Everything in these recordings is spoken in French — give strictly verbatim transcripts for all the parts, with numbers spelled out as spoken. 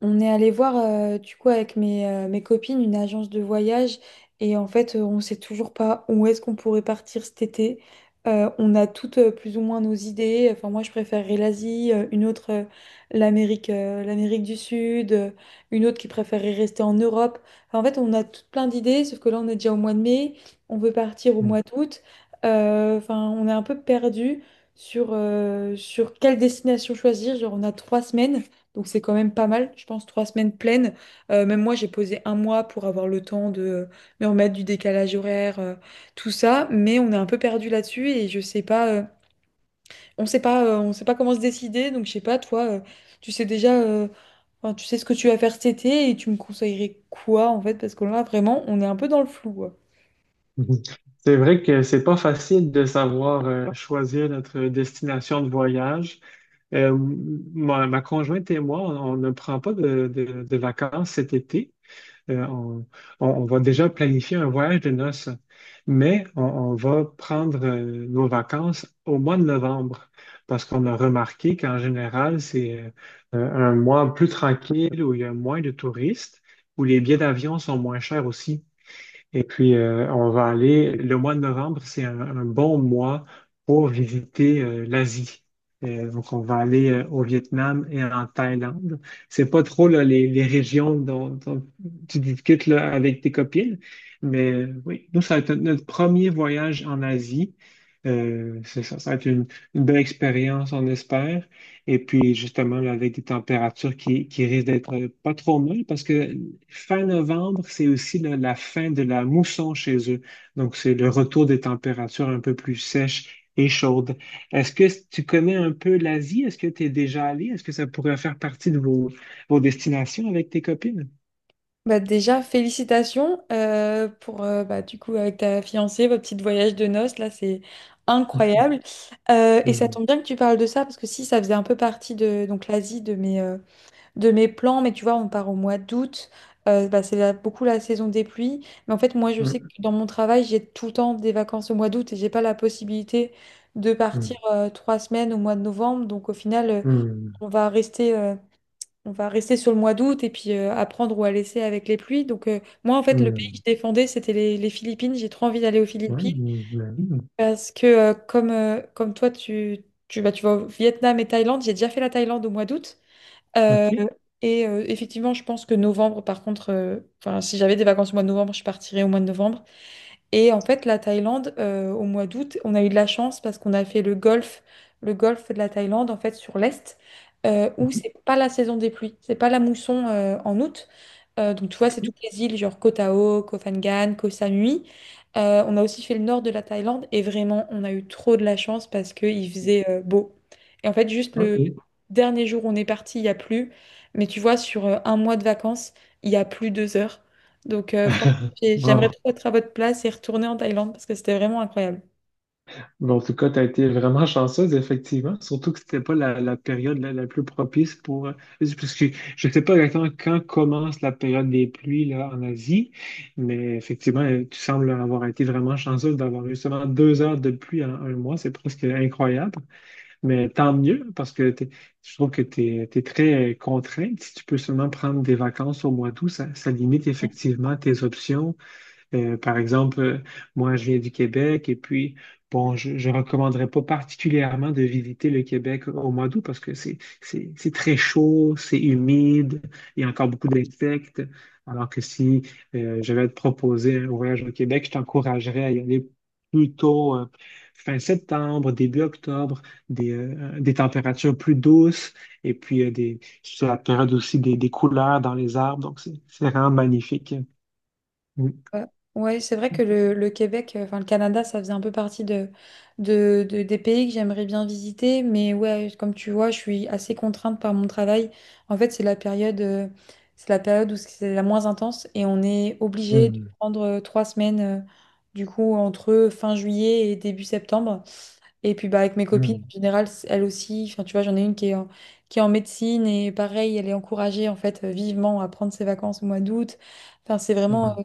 On est allé voir, euh, du coup, avec mes, euh, mes copines, une agence de voyage. Et en fait, euh, on sait toujours pas où est-ce qu'on pourrait partir cet été. Euh, on a toutes euh, plus ou moins nos idées. Enfin, moi, je préférerais l'Asie, euh, une autre, euh, l'Amérique, euh, l'Amérique du Sud, euh, une autre qui préférerait rester en Europe. Enfin, en fait, on a toutes plein d'idées, sauf que là, on est déjà au mois de mai. On veut partir au Mm. mois d'août. Euh, Enfin, on est un peu perdu sur, euh, sur quelle destination choisir. Genre, on a trois semaines. Donc c'est quand même pas mal, je pense, trois semaines pleines. Euh, même moi, j'ai posé un mois pour avoir le temps de euh, me remettre du décalage horaire, euh, tout ça. Mais on est un peu perdu là-dessus et je sais pas, euh, on sait pas, euh, on sait pas comment se décider. Donc je sais pas, toi, euh, tu sais déjà, euh, enfin, tu sais ce que tu vas faire cet été et tu me conseillerais quoi en fait? Parce que là, vraiment, on est un peu dans le flou. Mhm. C'est vrai que c'est pas facile de savoir euh, choisir notre destination de voyage. Euh, m- ma, ma conjointe et moi, on, on ne prend pas de, de- de vacances cet été. Euh, on, on- on va déjà planifier un voyage de noces, mais on, on va prendre euh, nos vacances au mois de novembre parce qu'on a remarqué qu'en général, c'est euh, un mois plus tranquille où il y a moins de touristes, où les billets d'avion sont moins chers aussi. Et puis, euh, on va aller, le mois de novembre, c'est un, un bon mois pour visiter euh, l'Asie. Euh, donc, on va aller euh, au Vietnam et en Thaïlande. C'est pas trop là, les, les régions dont, dont tu discutes là, avec tes copines, mais euh, oui, nous, ça va être notre premier voyage en Asie. Euh, c'est ça, ça va être une, une belle expérience, on espère. Et puis, justement, là, avec des températures qui, qui risquent d'être euh, pas trop molles, parce que fin novembre, c'est aussi le- la fin de la mousson chez eux. Donc, c'est le retour des températures un peu plus sèches et chaudes. Est-ce que tu connais un peu l'Asie? Est-ce que tu es déjà allé? Est-ce que ça pourrait faire partie de vos, vos destinations avec tes copines? Bah déjà, félicitations euh, pour, euh, bah, du coup, avec ta fiancée, votre petit voyage de noces, là, c'est incroyable. Euh, et ça Hum, tombe bien que tu parles de ça, parce que si, ça faisait un peu partie de donc l'Asie, de mes, euh, de mes plans, mais tu vois, on part au mois d'août, euh, bah, c'est là, beaucoup la saison des pluies. Mais en fait, moi, je sais que hum, dans mon travail, j'ai tout le temps des vacances au mois d'août et j'ai pas la possibilité de hum, partir euh, trois semaines au mois de novembre. Donc, au final, euh, hum, on va rester. euh, on va rester sur le mois d'août et puis euh, à prendre ou à laisser avec les pluies. Donc, euh, moi, en fait, le pays que je hum. défendais, c'était les, les Philippines. J'ai trop envie d'aller aux Ouais, Philippines hum, la vie. parce que, euh, comme, euh, comme toi, tu, tu, bah, tu vas au Vietnam et Thaïlande. J'ai déjà fait la Thaïlande au mois d'août. Euh, Ok. et euh, effectivement, je pense que novembre, par contre, euh, enfin, si j'avais des vacances au mois de novembre, je partirais au mois de novembre. Et en fait, la Thaïlande, euh, au mois d'août, on a eu de la chance parce qu'on a fait le golfe, le golfe de la Thaïlande, en fait, sur l'Est, euh, où Mhm. c'est pas la saison des pluies, c'est pas la mousson euh, en août. Euh, donc, tu vois, Ok. c'est toutes les îles, genre Koh Tao, Koh Phangan, Koh Samui. Euh, on a aussi fait le nord de la Thaïlande et vraiment, on a eu trop de la chance parce qu'il faisait euh, beau. Et en fait, juste Ok. le dernier jour où on est parti, il y a plu. Mais tu vois, sur euh, un mois de vacances, il y a plus deux heures. Donc, euh, franchement j'ai- j'aimerais Wow. trop être à votre place et retourner en Thaïlande parce que c'était vraiment incroyable. Mais en tout cas, tu as été vraiment chanceuse, effectivement. Surtout que c'était pas la, la période la, la plus propice pour. euh, Parce que je ne sais pas exactement quand commence la période des pluies là, en Asie, mais effectivement, euh, tu sembles avoir été vraiment chanceuse d'avoir eu seulement deux heures de pluie en un mois. C'est presque incroyable. Mais tant mieux, parce que t'es- je trouve que tu es très euh, contrainte. Si tu peux seulement prendre des vacances au mois d'août, ça, ça limite effectivement tes options euh, par exemple, euh, moi, je viens du Québec et puis, bon, je ne recommanderais pas particulièrement de visiter le Québec au mois d'août parce que c'est, c'est, c'est très chaud, c'est humide, il y a encore beaucoup d'insectes. Alors que si euh, je vais te proposer un voyage au Québec, je t'encouragerais à y aller plutôt euh, fin septembre, début octobre, des, euh, des températures plus douces et puis euh, des, c'est la période aussi des, des couleurs dans les arbres. Donc, c'est c'est vraiment magnifique. Ouais, ouais, c'est vrai que le, le Québec, euh, enfin le Canada, ça faisait un peu partie de, de, de- des pays que j'aimerais bien visiter. Mais ouais, comme tu vois, je suis assez contrainte par mon travail. En fait, c'est la période, euh, c'est la période où c'est la moins intense et on est obligé de Mm. prendre euh, trois semaines, euh, du coup, entre fin juillet et début septembre. Et puis bah, avec mes copines, en général, c- elles aussi, enfin, tu vois, j'en ai une qui est en, qui est en médecine et pareil, elle est encouragée en fait euh, vivement à prendre ses vacances au mois d'août. Enfin, c'est vraiment うんうんうんうん euh,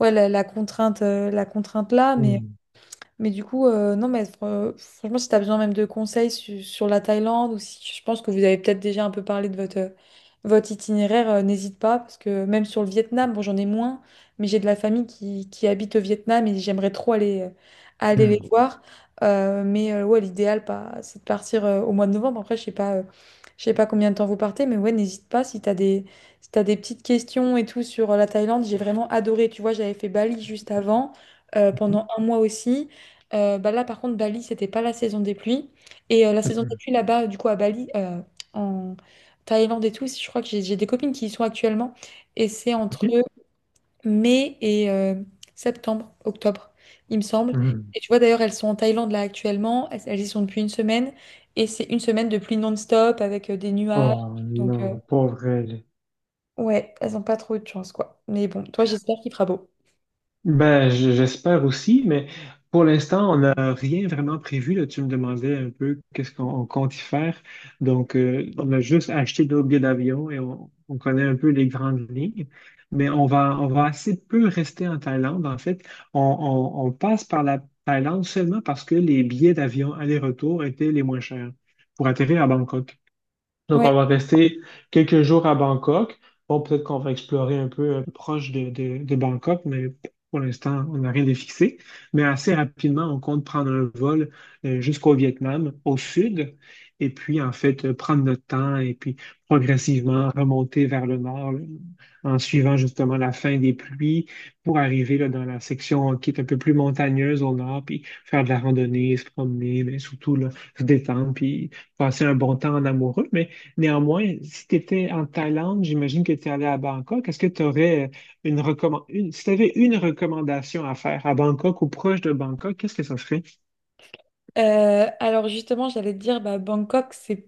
ouais, la, la contrainte, euh, la contrainte là, mais mais du coup, euh, non, mais fr- franchement, si tu as besoin même de conseils su- sur la Thaïlande ou si je pense que vous avez peut-être déjà un peu parlé de votre, euh, votre itinéraire, euh, n'hésite pas parce que même sur le Vietnam, bon, j'en ai moins, mais j'ai de la famille qui, qui habite au Vietnam et j'aimerais trop aller, euh, aller les voir. Euh, mais euh, ouais, l'idéal, pas, c'est de partir euh, au mois de novembre. Après, je sais pas, euh, je sais pas combien de temps vous partez, mais ouais, n'hésite pas si tu as des, si t'as des petites questions et tout sur euh, la Thaïlande. J'ai vraiment adoré. Tu vois, j'avais fait Bali juste avant, euh, Mhm. pendant un mois aussi. Euh, bah là, par contre, Bali, c'était pas la saison des pluies. Et euh, la saison des うん pluies là-bas, du coup, à Bali, euh, en Thaïlande et tout, si, je crois que j'ai j'ai des copines qui y sont actuellement. Et c'est entre OK? mai et euh, septembre, octobre, il me semble. Mhm. Et tu vois, d'ailleurs, elles sont en Thaïlande là actuellement. Elles, elles y sont depuis une semaine. Et c'est une semaine de pluie non-stop avec euh, des nuages. Oh Donc, euh, non, pauvre elle. ouais, elles ont pas trop eu de chance, quoi. Mais bon, toi, j'espère qu'il fera beau. Ben, j- j'espère aussi, mais pour l'instant, on n'a rien vraiment prévu. Là. Tu me demandais un peu qu'est-ce qu'on on compte y faire. Donc, euh, on a juste acheté nos billets d'avion et on, on connaît un peu les grandes lignes. Mais on va, on va assez peu rester en Thaïlande. En fait, on, on- on passe par la Thaïlande seulement parce que les billets d'avion aller-retour étaient les moins chers pour atterrir à Bangkok. Donc, Ouais, on va rester quelques jours à Bangkok. Bon, peut-être qu'on va explorer un peu euh, proche de, de- de Bangkok, mais pour l'instant, on n'a rien de fixé. Mais assez rapidement, on compte prendre un vol euh, jusqu'au Vietnam, au sud, et puis, en fait, euh, prendre notre temps et puis progressivement remonter vers le nord, là, en suivant justement la fin des pluies pour arriver là, dans la section qui est un peu plus montagneuse au nord, puis faire de la randonnée, se promener, mais surtout là, se détendre, puis passer un bon temps en amoureux. Mais néanmoins, si tu étais en Thaïlande, j'imagine que tu es allé à Bangkok. Est-ce que tu aurais euh, une recommandation, une... si tu avais une recommandation à faire à Bangkok ou proche de Bangkok, qu'est-ce que ça serait? euh, alors justement, j'allais te dire, bah, Bangkok, c'est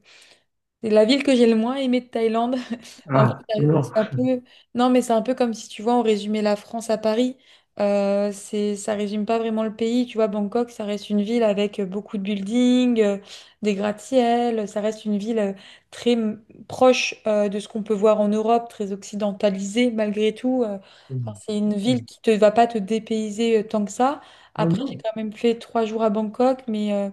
C'est la ville que j'ai le moins aimée de Thaïlande. En Ah, fait, euh, non. c'est un peu. Non, mais c'est un peu comme si, tu vois, on résumait la France à Paris. Euh, c'est... Ça résume pas vraiment le pays. Tu vois, Bangkok, ça reste une ville avec euh, beaucoup de buildings, euh, des gratte-ciel. Ça reste une ville euh, très m- proche euh, de ce qu'on peut voir en Europe, très occidentalisée malgré tout. Euh, Hmm, Enfin, c'est une ok. ville qui te va pas te dépayser euh, tant que ça. Ah Après, j'ai non. quand même fait trois jours à Bangkok, mais... euh,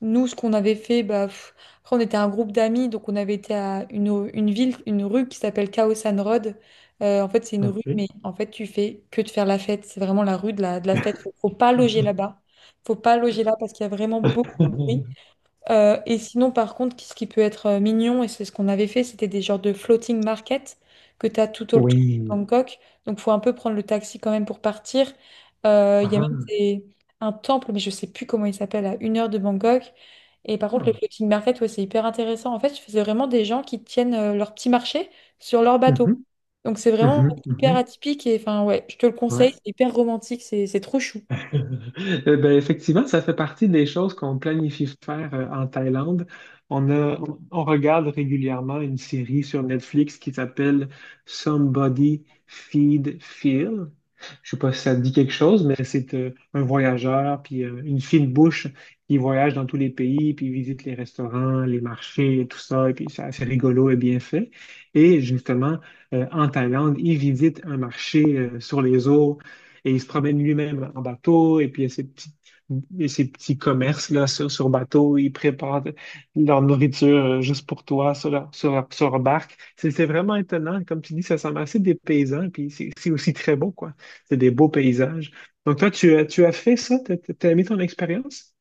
nous, ce qu'on avait fait, bah, pff, après, on était un groupe d'amis, donc on avait été à une, une ville, une rue qui s'appelle Khao San Road. Euh, en fait, c'est une rue, mais Ok. en fait, tu fais que de faire la fête. C'est vraiment la rue de la, de la fête. Faut, faut pas loger là-bas. Faut pas loger là parce qu'il y a vraiment beaucoup de bruit. Euh, et sinon, par contre, ce qui peut être euh, mignon, et c'est ce qu'on avait fait, c'était des genres de floating market que tu as tout autour de Oui. Bangkok. Donc, faut un peu prendre le taxi quand même pour partir. Euh, Il y a même Ah. des- un temple, mais je sais plus comment il s'appelle, à une heure de Bangkok. Et par contre, le Ah. floating market, ouais, c'est hyper intéressant. En fait, c'est vraiment des gens qui tiennent euh, leur petit marché sur leur bateau. Mhm, Donc, c'est vraiment mhm, hyper mhm. atypique. Et enfin, ouais, je te le conseille, Ouais. c'est hyper romantique, c'est c'est trop chou. Eh ben, effectivement, ça fait partie des choses qu'on planifie faire euh, en Thaïlande. On a, on on regarde régulièrement une série sur Netflix qui s'appelle Somebody Feed Phil. Je sais pas si ça te dit quelque chose, mais c'est euh, un voyageur, puis euh, une fine bouche qui voyage dans tous les pays, puis visite les restaurants, les marchés, et tout ça, et puis c'est assez rigolo et bien fait. Et justement, euh, en Thaïlande, il visite un marché euh, sur les eaux et il se promène lui-même en bateau, et puis il y a ces petits, et ces petits commerces là, sur, sur bateau, ils préparent leur nourriture euh, juste pour toi sur leur, sur leur- sur leur barque. C'est c'est vraiment étonnant. Comme tu dis, ça semble assez des paysans, puis c'est c'est aussi très beau, quoi. C'est des beaux paysages. Donc toi, tu, as- tu as fait ça? T'as, t'as t'as aimé ton expérience?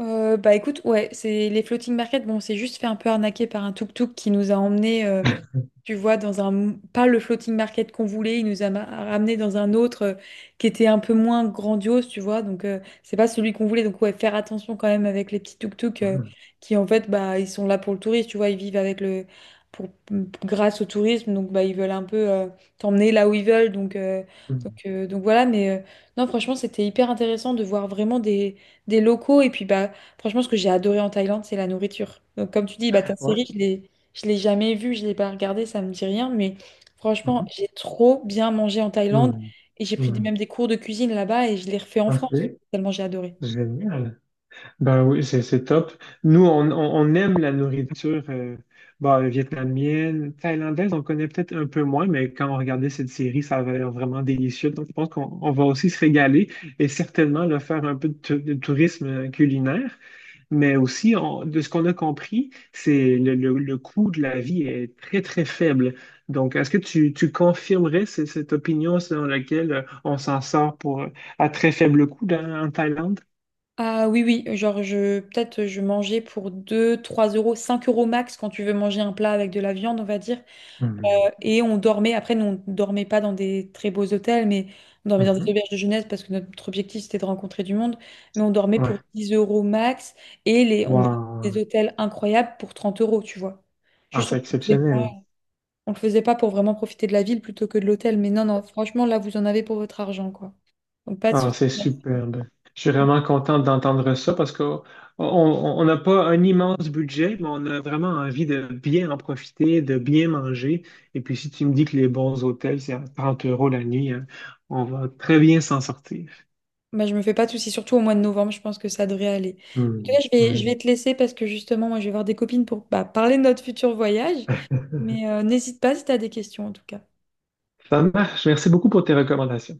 Euh, bah écoute, ouais, c'est les floating market. Bon, on s'est juste fait un peu arnaquer par un tuk-tuk qui nous a emmené euh, tu vois, dans un pas le floating market qu'on voulait. Il nous a ma- ramenés dans un autre euh, qui était un peu moins grandiose, tu vois. Donc euh, c'est pas celui qu'on voulait. Donc ouais, faire attention quand même avec les petits tuk-tuk euh, Ah. qui en fait, bah ils sont là pour le tourisme, tu vois. Ils vivent avec le pour grâce au tourisme, donc bah ils veulent un peu euh, t'emmener là où ils veulent. Donc euh, donc Mhm. euh, donc voilà. Mais euh, non, franchement, c'était hyper intéressant de voir vraiment des des locaux et puis bah, franchement, ce que j'ai adoré en Thaïlande, c'est la nourriture. Donc, comme tu dis, bah, ta Ouais. série, je l'ai, je l'ai jamais vue, je l'ai pas regardée, ça me dit rien. Mais franchement, Mhm. j'ai trop bien mangé en Thaïlande Mhm. et j'ai pris des- même Mhm. des cours de cuisine là-bas et je les refais en Ok, France, tellement j'ai adoré. génial. Ben oui, c'est c'est top. Nous, on, on- on aime la nourriture euh, ben, vietnamienne, thaïlandaise, on connaît peut-être un peu moins, mais quand on regardait cette série, ça avait l'air vraiment délicieux. Donc, je pense qu'on on va aussi se régaler et certainement là, faire un peu de, tou- de tourisme euh, culinaire. Mais aussi, on- de ce qu'on a compris, c'est le, le, le coût de la vie est très, très faible. Donc, est-ce que tu, tu confirmerais ce- cette opinion selon laquelle euh, on s'en sort pour, euh, à très faible coût dans- en Thaïlande? Ah oui, oui, genre, je, peut-être je mangeais pour deux, trois euros, cinq euros max quand tu veux manger un plat avec de la viande, on va dire. Mhm. Et on dormait, après, nous, on dormait pas dans des très beaux hôtels, mais on dormait dans des Mhm. auberges de jeunesse parce que notre objectif, c'était de rencontrer du monde. Mais on dormait Ouais. pour dix euros max et les, on voyait des Wow. hôtels incroyables pour trente euros, tu vois. Ah, Juste, on c'est le faisait pas, exceptionnel. on le faisait pas pour vraiment profiter de la ville plutôt que de l'hôtel. Mais non, non, franchement, là, vous en avez pour votre argent, quoi. Donc, pas de Ah, souci. c'est superbe. Je suis vraiment content d'entendre ça parce que oh, on on n'a pas un immense budget, mais on a vraiment envie de bien en profiter, de bien manger. Et puis, si tu me dis que les bons hôtels, c'est à trente euros la nuit, hein, on va très bien s'en sortir. Bah, je me fais pas de soucis, surtout au mois de novembre, je pense que ça devrait aller. En tout Hmm. cas, je vais, je vais Oui. te laisser parce que justement, moi, je vais voir des copines pour bah, parler de notre futur voyage. Mais euh, n'hésite pas si tu as des questions, en tout cas. Ça marche. Merci beaucoup pour tes recommandations.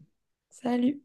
Salut!